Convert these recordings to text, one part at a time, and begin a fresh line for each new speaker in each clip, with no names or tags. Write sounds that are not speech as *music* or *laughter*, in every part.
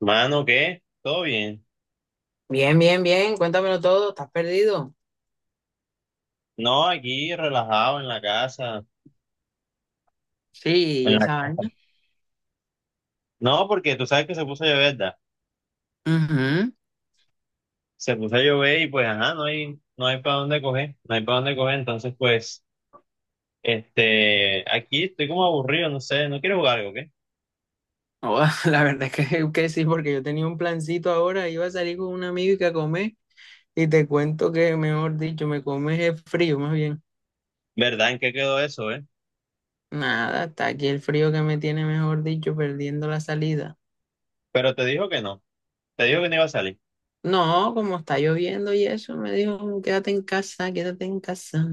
Mano, ¿qué? ¿Todo bien?
Bien, bien, bien. Cuéntamelo todo. ¿Estás perdido?
No, aquí relajado en la casa.
Sí,
En la
esa
casa.
vaina.
No, porque tú sabes que se puso a llover, ¿verdad?
Ujú.
Se puso a llover y pues, ajá, no hay, no hay para dónde coger, no hay para dónde coger. Entonces, pues, aquí estoy como aburrido, no sé, no quiero jugar algo, ¿qué?
Oh, *laughs* la verdad es que sí, porque yo tenía un plancito ahora, iba a salir con un amigo y que a comer, y te cuento que, mejor dicho, me comes el frío, más bien.
¿Verdad? ¿En qué quedó eso,
Nada, está aquí el frío que me tiene, mejor dicho, perdiendo la salida.
Pero te dijo que no, te dijo que no iba a salir.
No, como está lloviendo y eso, me dijo, quédate en casa, quédate en casa.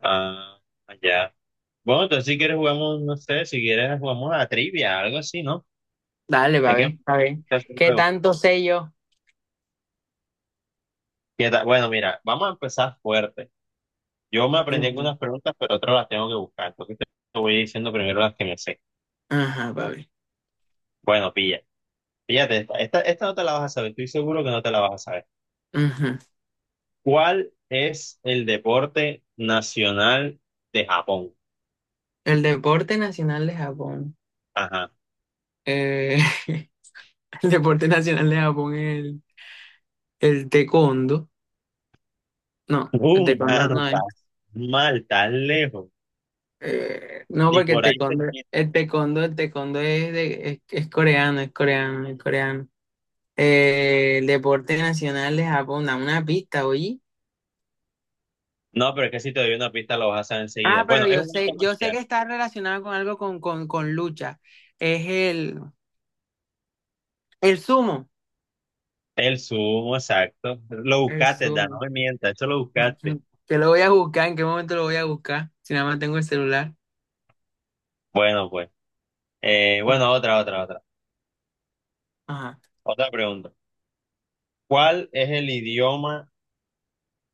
Ah, ya. Bueno, entonces si quieres jugamos, no sé, si quieres jugamos a la trivia, algo así, ¿no?
Dale,
Es que me
papi, papi.
gusta ese
¿Qué
juego.
tanto sé yo?
¿Qué tal? Bueno, mira, vamos a empezar fuerte. Yo me aprendí
Ujú.
algunas preguntas, pero otras las tengo que buscar. Entonces te voy diciendo primero las que me sé.
Ajá, papi.
Bueno, pilla. Fíjate, esta no te la vas a saber. Estoy seguro que no te la vas a saber.
Ujú.
¿Cuál es el deporte nacional de Japón?
El deporte nacional de Japón.
Ajá.
Eh, *laughs* el deporte nacional de Japón es el taekwondo. No, el taekwondo
Mano,
no
estás
es.
mal, tan lejos.
No,
Ni
porque el
por ahí te empieza.
taekwondo es, de, es coreano, es coreano, es coreano. El deporte nacional de Japón, da una pista, oye.
No, pero es que si te doy una pista lo vas a saber enseguida.
Ah, pero
Bueno, es un arte
yo sé
marcial.
que está relacionado con algo con lucha. Es el sumo.
El sumo, exacto. Lo
El
buscaste, Dan, no
sumo.
me mientas, eso lo buscaste.
*laughs* Que lo voy a buscar, ¿en qué momento lo voy a buscar? Si nada más tengo el celular.
Bueno, pues. Bueno, otra.
Ajá.
Otra pregunta. ¿Cuál es el idioma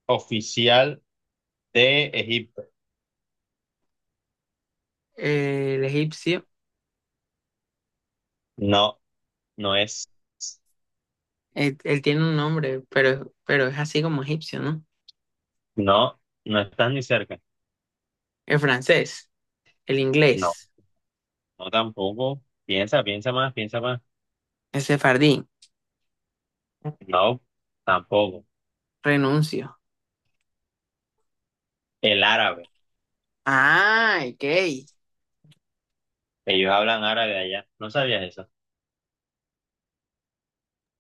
oficial de Egipto?
El egipcio,
No, no es.
él tiene un nombre, pero es así como egipcio, ¿no?
No, no estás ni cerca.
El francés, el
No,
inglés,
no tampoco. Piensa, piensa más, piensa más.
el sefardí,
No, tampoco.
renuncio.
El árabe.
Ah, ok.
Ellos hablan árabe allá. ¿No sabías eso?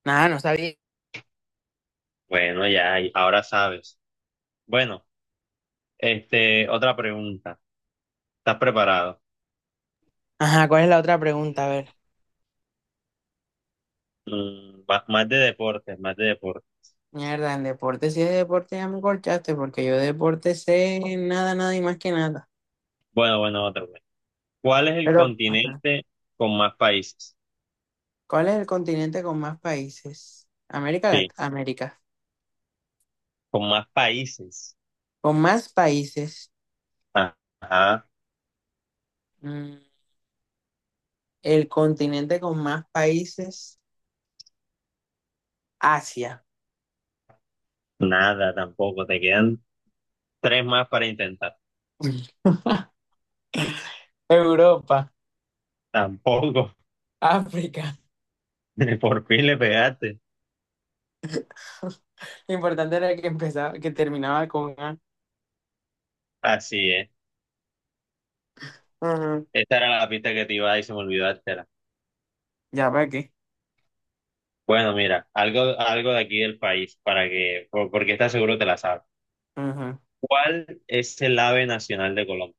Nada, no sabía.
Bueno, ya, y ahora sabes. Bueno, otra pregunta. ¿Estás preparado?
Ajá, ¿cuál es la otra pregunta? A ver.
Más de deportes, más de deportes.
Mierda, en deporte, si es deporte, ya me corchaste, porque yo de deporte sé nada, nada y más que nada.
Bueno, otra vez. ¿Cuál es el
Pero, ajá.
continente con más países?
¿Cuál es el continente con más países? América,
Sí,
Lat- América.
con más países.
Con más países.
Ajá,
mm, el continente con más países, Asia.
nada, tampoco. Te quedan tres más para intentar.
*laughs* Europa,
Tampoco.
África.
*laughs* Por fin le pegaste.
*laughs* Lo importante era que empezaba, que terminaba con A.
Así es.
Ajá.
Esta era la pista que te iba a dar y se me olvidó dártela.
Ya para qué.
Bueno, mira, algo de aquí del país para que, porque estás seguro te la sabes.
Ajá.
¿Cuál es el ave nacional de Colombia?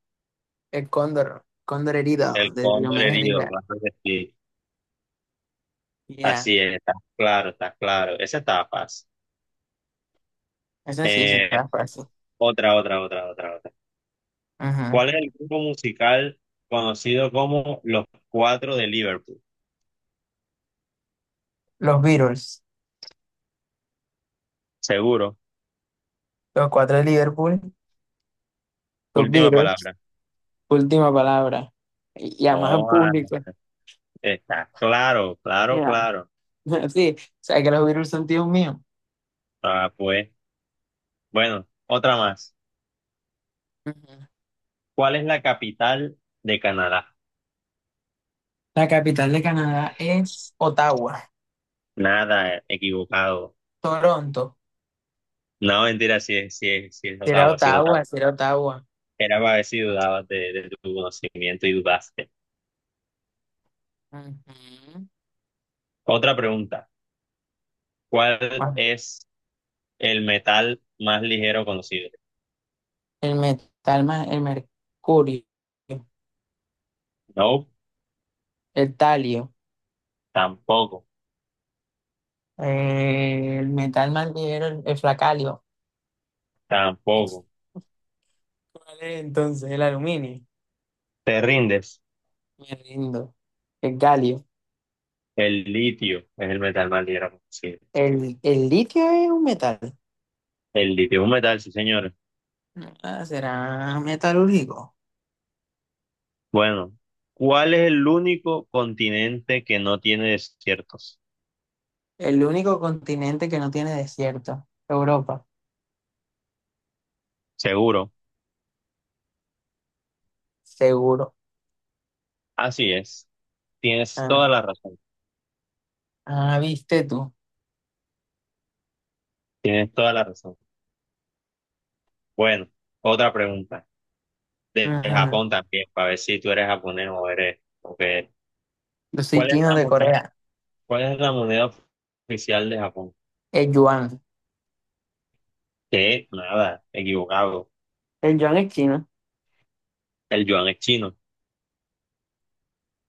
El cóndor, cóndor herido
El
de
cóndor
Diomedes
herido,
Díaz.
claro que sí.
Ya.
Así es, está claro, está claro. Esa estaba fácil.
Eso sí se
Eh,
está fácil.
otra.
Ajá.
¿Cuál es el grupo musical conocido como Los Cuatro de Liverpool?
Los Beatles,
Seguro.
los cuatro de Liverpool, los
Última
Beatles,
palabra.
última palabra. Y además al
Oh, ah,
público.
está claro, claro,
Ya.
claro.
*laughs* Sí, o sea que los Beatles son tíos míos.
Ah, pues, bueno, otra más.
Ujú.
¿Cuál es la capital de Canadá?
La capital de Canadá es Ottawa.
Nada, equivocado.
Toronto.
No, mentira, si es
Será
Ottawa, si es Ottawa.
Ottawa, será Ottawa.
Era para ver si dudabas de tu conocimiento y dudaste.
Ujú.
Otra pregunta. ¿Cuál
Bueno,
es el metal más ligero conocido?
el metal más, el mercurio,
No,
el talio,
tampoco,
el metal más ligero, el flacalio.
tampoco.
¿Cuál es entonces? El aluminio.
¿Te rindes?
Me rindo. El galio.
El litio es el metal más ligero conocido.
El litio es un metal.
El litio es un metal, sí, señor.
Ah, será metalúrgico.
Bueno, ¿cuál es el único continente que no tiene desiertos?
El único continente que no tiene desierto. Europa.
Seguro.
Seguro.
Así es. Tienes
Ah,
toda la razón.
ah, viste tú.
Tienes toda la razón. Bueno, otra pregunta. De
Ajá.
Japón también, para ver si tú eres japonés o eres o qué eres.
Yo soy
¿Cuál es
chino
la
de
moneda,
Corea.
¿cuál es la moneda oficial de Japón?
El yuan.
Que nada, equivocado.
El yuan es chino.
El yuan es chino.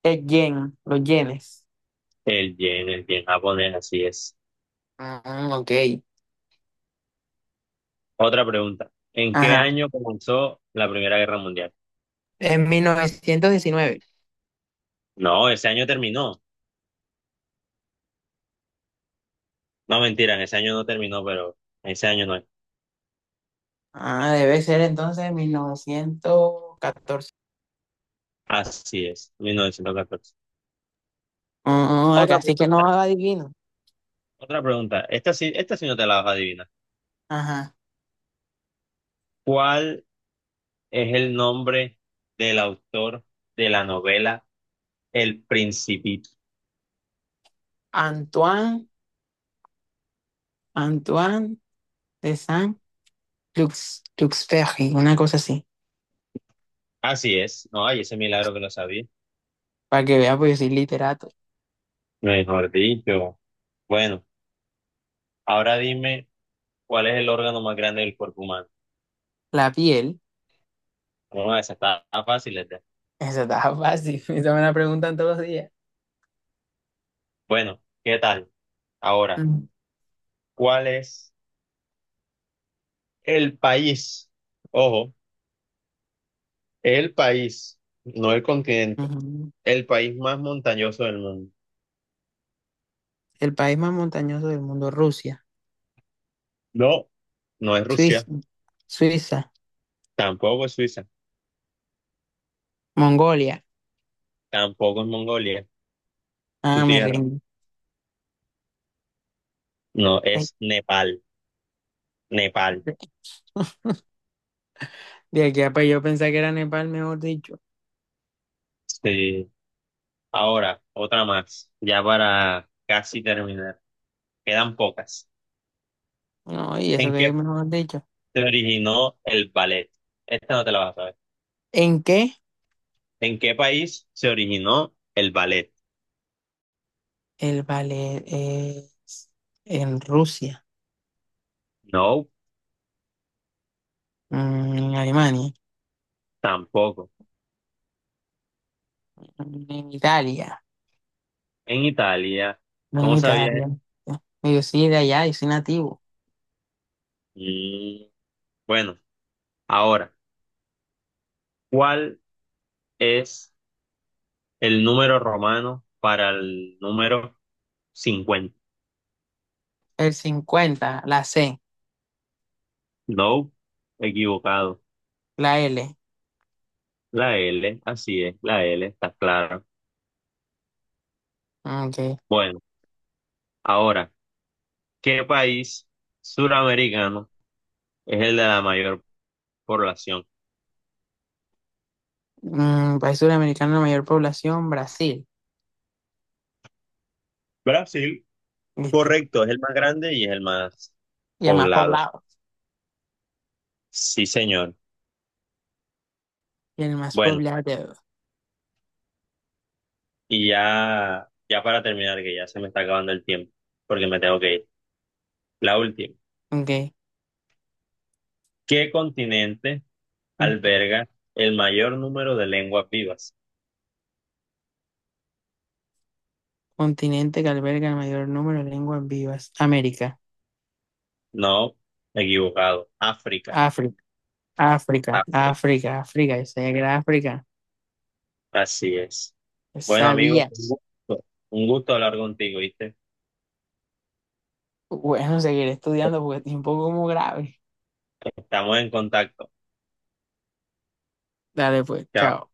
El yen, los yenes.
El yen japonés, así es.
Ah, ok.
Otra pregunta. ¿En qué
Ajá.
año comenzó la Primera Guerra Mundial?
En mil novecientos diecinueve.
No, ese año terminó. No, mentira, ese año no terminó, pero ese año no es.
Ah, debe ser entonces mil novecientos catorce.
Así es, 1914.
Ah,
Otra
acá sí que
pregunta,
no adivino.
otra pregunta. Esta sí no te la vas a adivinar.
Ajá.
¿Cuál es el nombre del autor de la novela El Principito?
Antoine, Antoine de Saint-Lux, Luxferry, una cosa así.
Así es. No, hay ese milagro que lo sabía.
Para que vea, pues yo soy literato.
Mejor dicho. Bueno, ahora dime cuál es el órgano más grande del cuerpo humano.
La piel.
Bueno, esa está fácil, esta.
*laughs* Eso está fácil. *laughs* Eso me la preguntan todos los días.
Bueno, ¿qué tal? Ahora,
Mm,
¿cuál es el país? Ojo. El país, no el continente,
Ujú.
el país más montañoso del mundo.
El país más montañoso del mundo, Rusia,
No, no es
Suiza,
Rusia,
Suiza,
tampoco es Suiza,
Mongolia.
tampoco es Mongolia, tu
Ah, me
tierra.
rindo.
No,
Eh,
es Nepal, Nepal.
De de aquí a pues yo pensaba que era Nepal, mejor dicho.
Sí. Ahora, otra más, ya para casi terminar. Quedan pocas.
No, y eso
¿En
que
qué
es mejor dicho.
se originó el ballet? Esta no te la vas a saber.
¿En qué?
¿En qué país se originó el ballet?
El ballet es en Rusia,
No,
mm, en Alemania,
tampoco.
en Italia,
En Italia.
no
¿Cómo
en
sabías
Italia.
eso?
Yo soy de allá, yo soy nativo.
Mm, bueno, ahora. ¿Cuál es el número romano para el número 50?
El 50, la C,
No, equivocado.
la L.
La L, así es, la L, está claro.
Okay.
Bueno, ahora, ¿qué país suramericano es el de la mayor población?
Mm, país sudamericano de mayor población, Brasil.
Brasil.
¿Viste?
Correcto, es el más grande y es el más
Y el más
poblado.
poblado.
Sí, señor.
Y el más
Bueno,
poblado.
y ya, ya para terminar, que ya se me está acabando el tiempo, porque me tengo que ir. La última.
Okay.
¿Qué continente alberga el mayor número de lenguas vivas?
Continente que alberga el mayor número de lenguas vivas, América.
No, equivocado. África,
África, África,
África.
África, África, yo sabía que era África,
Así es.
yo
Bueno, amigo,
sabía.
un gusto hablar contigo, ¿viste?
Bueno, seguiré estudiando porque es un poco como grave.
Estamos en contacto.
Dale pues,
Chao.
chao.